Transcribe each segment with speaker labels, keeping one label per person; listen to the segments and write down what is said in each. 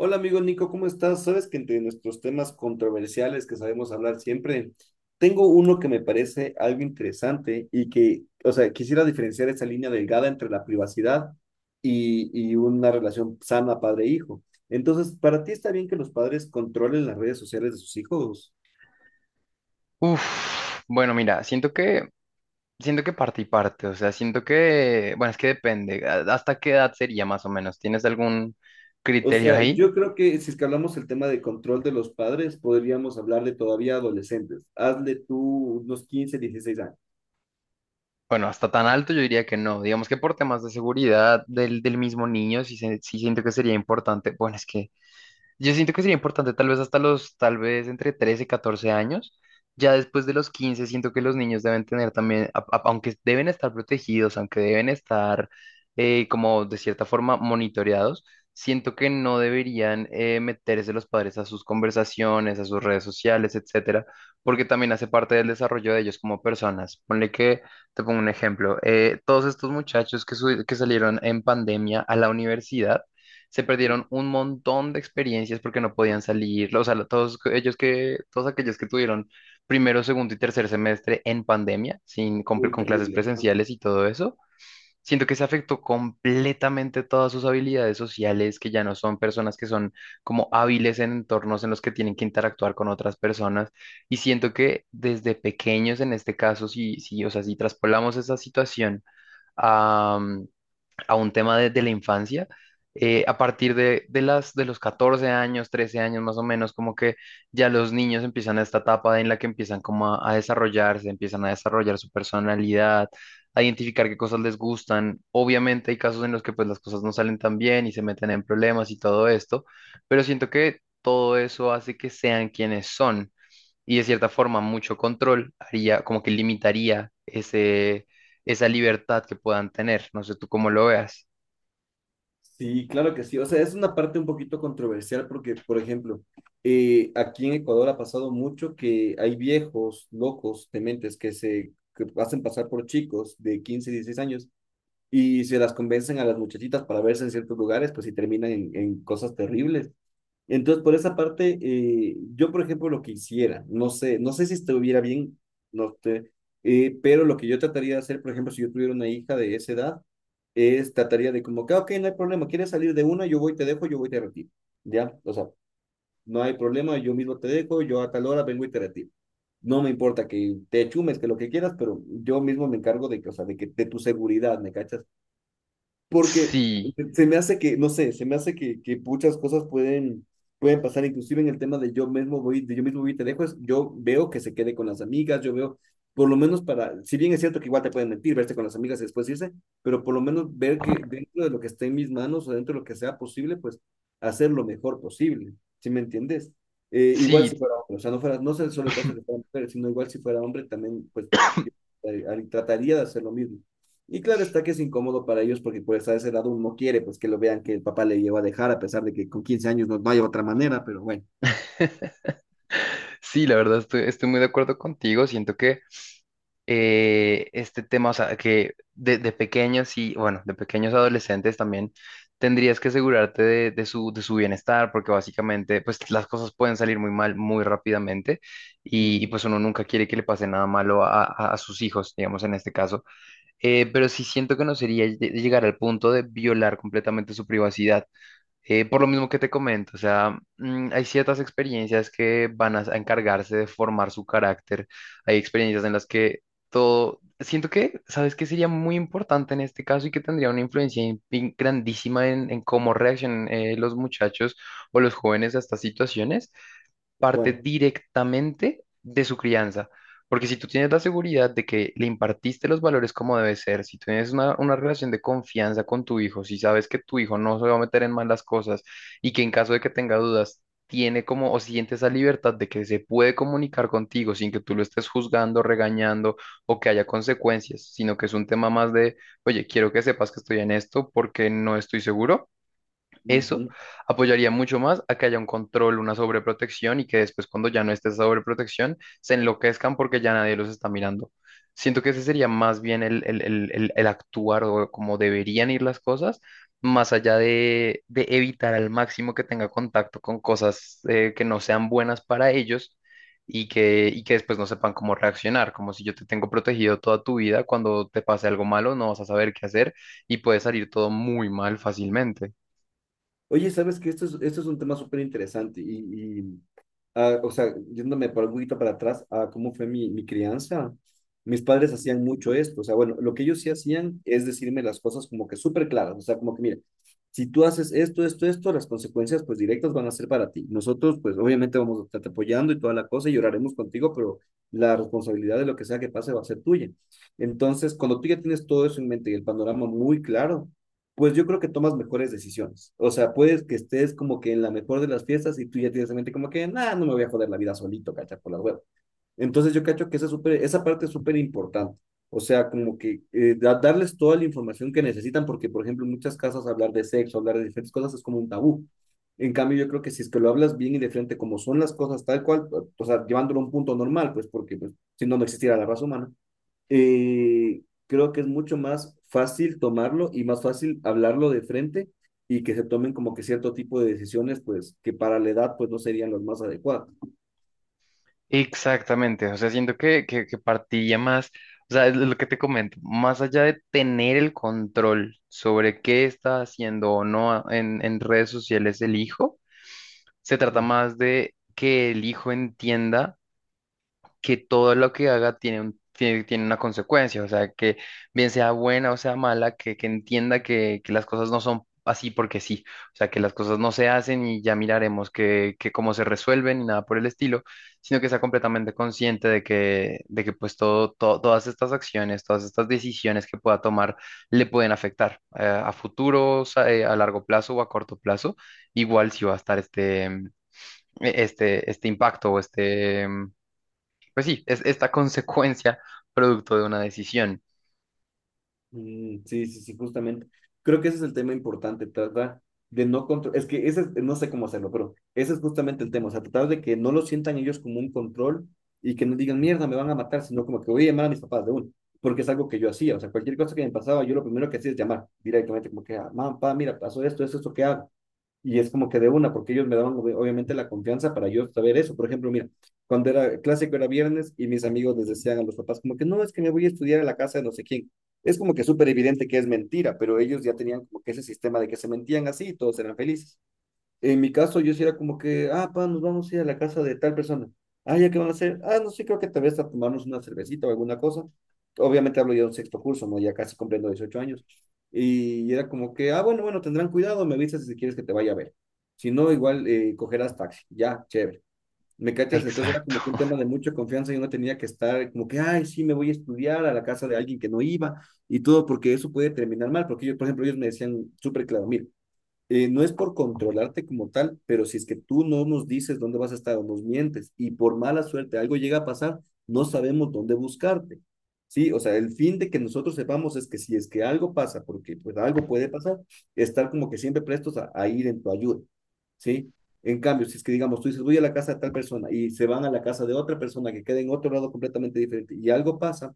Speaker 1: Hola amigo Nico, ¿cómo estás? Sabes que entre nuestros temas controversiales que sabemos hablar siempre, tengo uno que me parece algo interesante y que, o sea, quisiera diferenciar esa línea delgada entre la privacidad y una relación sana padre-hijo. Entonces, ¿para ti está bien que los padres controlen las redes sociales de sus hijos?
Speaker 2: Uf, bueno, mira, siento que parte y parte, o sea, siento que, bueno, es que depende, ¿hasta qué edad sería más o menos? ¿Tienes algún
Speaker 1: O
Speaker 2: criterio
Speaker 1: sea,
Speaker 2: ahí?
Speaker 1: yo creo que si es que hablamos el tema de control de los padres, podríamos hablar de todavía adolescentes. Hazle tú unos 15, 16 años.
Speaker 2: Bueno, hasta tan alto yo diría que no, digamos que por temas de seguridad del mismo niño, sí siento que sería importante, bueno, es que yo siento que sería importante tal vez tal vez entre 13 y 14 años. Ya después de los 15 siento que los niños deben tener también, aunque deben estar protegidos, aunque deben estar como de cierta forma monitoreados, siento que no deberían meterse los padres a sus conversaciones, a sus redes sociales, etcétera, porque también hace parte del desarrollo de ellos como personas. Ponle que, te pongo un ejemplo, todos estos muchachos que salieron en pandemia a la universidad, se perdieron un montón de experiencias porque no podían salir, o sea, todos aquellos que tuvieron primero, segundo y tercer semestre en pandemia, sin,
Speaker 1: Uy,
Speaker 2: con clases
Speaker 1: terrible.
Speaker 2: presenciales y todo eso, siento que se afectó completamente todas sus habilidades sociales, que ya no son personas que son como hábiles en entornos en los que tienen que interactuar con otras personas, y siento que desde pequeños en este caso, sí, sí, o sea, si traspolamos esa situación a un tema de la infancia. A partir de los 14 años, 13 años más o menos, como que ya los niños empiezan a esta etapa en la que empiezan como a desarrollarse, empiezan a desarrollar su personalidad, a identificar qué cosas les gustan. Obviamente hay casos en los que pues las cosas no salen tan bien y se meten en problemas y todo esto, pero siento que todo eso hace que sean quienes son y de cierta forma mucho control haría, como que limitaría esa libertad que puedan tener. No sé tú cómo lo veas.
Speaker 1: Sí, claro que sí. O sea, es una parte un poquito controversial porque, por ejemplo, aquí en Ecuador ha pasado mucho que hay viejos, locos, dementes que se que hacen pasar por chicos de 15 16 años y se las convencen a las muchachitas para verse en ciertos lugares, pues y terminan en cosas terribles. Entonces, por esa parte, yo, por ejemplo, lo que hiciera, no sé, no sé si estuviera bien, no te- pero lo que yo trataría de hacer, por ejemplo, si yo tuviera una hija de esa edad, es trataría de como, que, "Ah, ok, no hay problema, quieres salir de una, yo voy, te dejo, yo voy, te retiro, ¿ya? O sea, no hay problema, yo mismo te dejo, yo a tal hora vengo y te retiro. No me importa que te chumes, que lo que quieras, pero yo mismo me encargo de que, o sea, de que, de tu seguridad, ¿me cachas? Porque
Speaker 2: Sí,
Speaker 1: se me hace que, no sé, se me hace que muchas cosas pueden pasar, inclusive en el tema de yo mismo voy, de yo mismo voy y te dejo, es, yo veo que se quede con las amigas, yo veo, por lo menos para, si bien es cierto que igual te pueden mentir, verte con las amigas y después irse, pero por lo menos ver que dentro de lo que esté en mis manos o dentro de lo que sea posible, pues hacer lo mejor posible, ¿sí me entiendes? Igual
Speaker 2: sí.
Speaker 1: si fuera hombre, o sea, no fuera, no es solo el caso de que fuera mujer, sino igual si fuera hombre, también pues yo, trataría de hacer lo mismo y claro está que es incómodo para ellos porque pues a esa edad uno no quiere pues que lo vean que el papá le lleva a dejar a pesar de que con 15 años no, no hay otra manera, pero bueno.
Speaker 2: Sí, la verdad estoy muy de acuerdo contigo. Siento que este tema, o sea, que de pequeños y, bueno, de pequeños adolescentes también tendrías que asegurarte de su bienestar, porque básicamente, pues las cosas pueden salir muy mal muy rápidamente y,
Speaker 1: Ujú.
Speaker 2: pues uno nunca quiere que le pase nada malo a sus hijos, digamos, en este caso. Pero sí siento que no sería llegar al punto de violar completamente su privacidad. Por lo mismo que te comento, o sea, hay ciertas experiencias que van a encargarse de formar su carácter. Hay experiencias en las que todo, siento que, ¿sabes qué sería muy importante en este caso y que tendría una influencia grandísima en cómo reaccionan los muchachos o los jóvenes a estas situaciones? Parte
Speaker 1: ¿Cuál?
Speaker 2: directamente de su crianza. Porque si tú tienes la seguridad de que le impartiste los valores como debe ser, si tienes una relación de confianza con tu hijo, si sabes que tu hijo no se va a meter en malas cosas y que en caso de que tenga dudas, tiene como o siente esa libertad de que se puede comunicar contigo sin que tú lo estés juzgando, regañando o que haya consecuencias, sino que es un tema más de, oye, quiero que sepas que estoy en esto porque no estoy seguro. Eso
Speaker 1: Ujú.
Speaker 2: apoyaría mucho más a que haya un control, una sobreprotección y que después cuando ya no esté esa sobreprotección se enloquezcan porque ya nadie los está mirando. Siento que ese sería más bien el actuar o como deberían ir las cosas, más allá de evitar al máximo que tenga contacto con cosas que no sean buenas para ellos y que después no sepan cómo reaccionar, como si yo te tengo protegido toda tu vida, cuando te pase algo malo no vas a saber qué hacer y puede salir todo muy mal fácilmente.
Speaker 1: Oye, sabes que esto es un tema súper interesante y, o sea, yéndome por un poquito para atrás a cómo fue mi crianza, mis padres hacían mucho esto. O sea, bueno, lo que ellos sí hacían es decirme las cosas como que súper claras. O sea, como que, mira, si tú haces esto, esto, esto, las consecuencias pues directas van a ser para ti. Nosotros pues obviamente vamos a estarte apoyando y toda la cosa y lloraremos contigo, pero la responsabilidad de lo que sea que pase va a ser tuya. Entonces, cuando tú ya tienes todo eso en mente y el panorama muy claro, pues yo creo que tomas mejores decisiones. O sea, puedes que estés como que en la mejor de las fiestas y tú ya tienes en mente como que, nada, no me voy a joder la vida solito, cacha, por las huevas. Entonces yo cacho que esa, super, esa parte es súper importante. O sea, como que darles toda la información que necesitan, porque, por ejemplo, en muchas casas hablar de sexo, hablar de diferentes cosas es como un tabú. En cambio, yo creo que si es que lo hablas bien y de frente como son las cosas tal cual, o sea, llevándolo a un punto normal, pues porque pues, si no, no existiera la raza humana, creo que es mucho más fácil tomarlo y más fácil hablarlo de frente y que se tomen como que cierto tipo de decisiones, pues que para la edad pues no serían las más adecuadas.
Speaker 2: Exactamente, o sea, siento que partía más, o sea, es lo que te comento, más allá de tener el control sobre qué está haciendo o no en redes sociales el hijo, se trata
Speaker 1: Mm.
Speaker 2: más de que el hijo entienda que todo lo que haga tiene una consecuencia, o sea, que bien sea buena o sea mala, que entienda que las cosas no son así porque sí, o sea, que las cosas no se hacen y ya miraremos que cómo se resuelven y nada por el estilo, sino que sea completamente consciente de que pues todas estas acciones, todas estas decisiones que pueda tomar le pueden afectar a futuro, o sea, a largo plazo o a corto plazo, igual si va a estar este impacto o pues sí, es esta consecuencia producto de una decisión.
Speaker 1: Mm, sí, sí, sí, justamente. Creo que ese es el tema importante, tratar de no control, es que no sé cómo hacerlo, pero ese es justamente el tema, o sea, tratar de que no lo sientan ellos como un control y que no digan, mierda, me van a matar, sino como que voy a llamar a mis papás de uno, porque es algo que yo hacía, o sea, cualquier cosa que me pasaba, yo lo primero que hacía es llamar directamente, como que, ah, mamá, papá, mira, pasó esto, esto, esto, ¿qué hago? Y es como que de una, porque ellos me daban obviamente la confianza para yo saber eso. Por ejemplo, mira, cuando era clásico era viernes y mis amigos les decían a los papás como que no, es que me voy a estudiar a la casa de no sé quién. Es como que súper evidente que es mentira, pero ellos ya tenían como que ese sistema de que se mentían así y todos eran felices. En mi caso, yo sí era como que, ah, pa, nos vamos a ir a la casa de tal persona. Ah, ¿ya qué van a hacer? Ah, no sé, creo que tal vez a tomarnos una cervecita o alguna cosa. Obviamente hablo ya de un sexto curso, ¿no? Ya casi cumpliendo 18 años. Y era como que, ah, bueno, bueno, tendrán cuidado, me avisas si quieres que te vaya a ver. Si no, igual cogerás taxi. Ya, chévere. ¿Me cachas? Entonces era
Speaker 2: Exacto.
Speaker 1: como que un tema de mucha confianza y uno tenía que estar como que, ay, sí, me voy a estudiar a la casa de alguien que no iba y todo, porque eso puede terminar mal. Porque yo, por ejemplo, ellos me decían súper claro, mira, no es por controlarte como tal, pero si es que tú no nos dices dónde vas a estar o nos mientes y por mala suerte algo llega a pasar, no sabemos dónde buscarte. Sí, o sea, el fin de que nosotros sepamos es que si es que algo pasa, porque pues algo puede pasar, estar como que siempre prestos a ir en tu ayuda. Sí, en cambio, si es que digamos, tú dices, voy a la casa de tal persona y se van a la casa de otra persona que queda en otro lado completamente diferente y algo pasa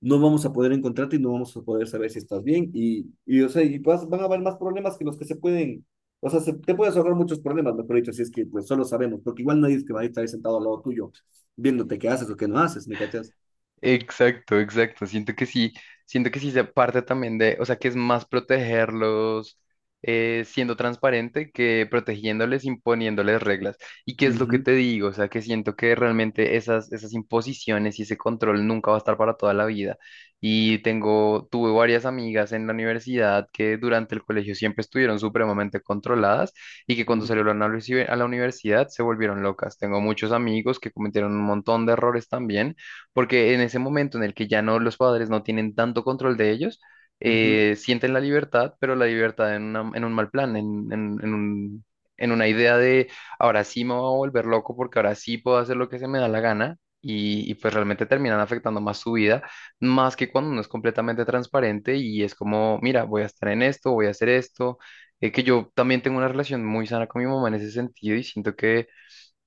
Speaker 1: no vamos a poder encontrarte y no vamos a poder saber si estás bien. Y o sea, y van a haber más problemas que los que se pueden, o sea, te puedes ahorrar muchos problemas, mejor dicho, si es que pues solo sabemos, porque igual nadie es que va a estar ahí sentado al lado tuyo, viéndote qué haces o qué no haces, ¿me cachas?
Speaker 2: Exacto, exacto. Siento que sí se parte también de, o sea, que es más protegerlos siendo transparente que protegiéndoles, imponiéndoles reglas. ¿Y qué es lo que
Speaker 1: Ujú,
Speaker 2: te digo? O sea, que siento que realmente esas, esas imposiciones y ese control nunca va a estar para toda la vida. Y tengo, tuve varias amigas en la universidad que durante el colegio siempre estuvieron supremamente controladas y que cuando
Speaker 1: ujú,
Speaker 2: salieron a la universidad se volvieron locas. Tengo muchos amigos que cometieron un montón de errores también porque en ese momento en el que ya no los padres no tienen tanto control de ellos,
Speaker 1: ujú.
Speaker 2: sienten la libertad, pero la libertad en un mal plan, en una idea de ahora sí me voy a volver loco porque ahora sí puedo hacer lo que se me da la gana. Y pues realmente terminan afectando más su vida, más que cuando uno es completamente transparente y es como, mira, voy a estar en esto, voy a hacer esto, que yo también tengo una relación muy sana con mi mamá en ese sentido y siento que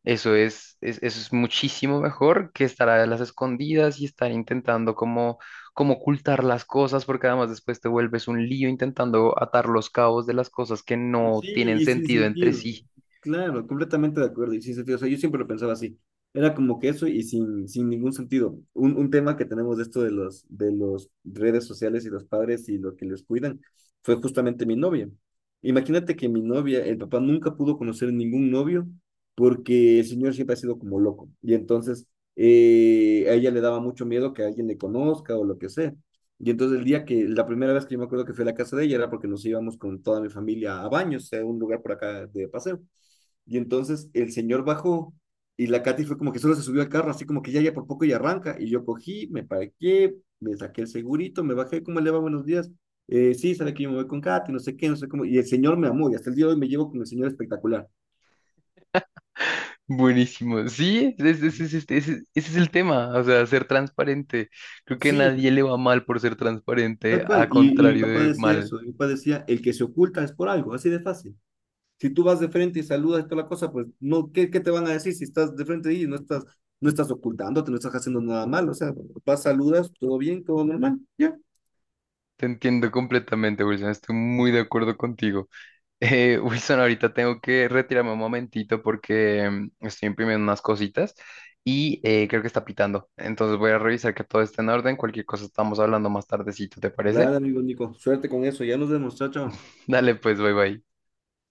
Speaker 2: eso eso es muchísimo mejor que estar a las escondidas y estar intentando como, como ocultar las cosas, porque además después te vuelves un lío intentando atar los cabos de las cosas que no
Speaker 1: Sí,
Speaker 2: tienen
Speaker 1: y sin
Speaker 2: sentido entre
Speaker 1: sentido.
Speaker 2: sí.
Speaker 1: Claro, completamente de acuerdo y sin sentido. O sea, yo siempre lo pensaba así. Era como que eso y sin ningún sentido. Un tema que tenemos de esto de los, redes sociales y los padres y lo que les cuidan fue justamente mi novia. Imagínate que mi novia, el papá nunca pudo conocer ningún novio porque el señor siempre ha sido como loco. Y entonces a ella le daba mucho miedo que alguien le conozca o lo que sea. Y entonces el día que, la primera vez que yo me acuerdo que fui a la casa de ella era porque nos íbamos con toda mi familia a Baños, a un lugar por acá de paseo. Y entonces el señor bajó y la Katy fue como que solo se subió al carro, así como que ya, ya por poco y arranca. Y yo cogí, me parqué, me saqué el segurito, me bajé, ¿cómo le va? Buenos días. Sí, sabe que yo me voy con Katy, no sé qué, no sé cómo. Y el señor me amó y hasta el día de hoy me llevo con el señor espectacular.
Speaker 2: Buenísimo. Sí, ese es el tema, o sea, ser transparente. Creo que
Speaker 1: Sí,
Speaker 2: nadie le va mal por ser transparente,
Speaker 1: tal cual.
Speaker 2: a
Speaker 1: Y mi
Speaker 2: contrario
Speaker 1: papá
Speaker 2: de
Speaker 1: decía
Speaker 2: mal.
Speaker 1: eso, mi papá decía, el que se oculta es por algo, así de fácil. Si tú vas de frente y saludas y toda la cosa, pues no, ¿qué te van a decir si estás de frente y no estás ocultándote, no estás haciendo nada mal? O sea, vas, saludas, todo bien, todo normal, ya.
Speaker 2: Te entiendo completamente, Wilson, estoy muy de acuerdo contigo. Wilson, ahorita tengo que retirarme un momentito porque estoy imprimiendo unas cositas y creo que está pitando. Entonces voy a revisar que todo esté en orden. Cualquier cosa estamos hablando más tardecito, ¿te parece?
Speaker 1: Dale, amigo Nico, suerte con eso, ya nos vemos, chao, chao.
Speaker 2: Dale, pues, bye bye.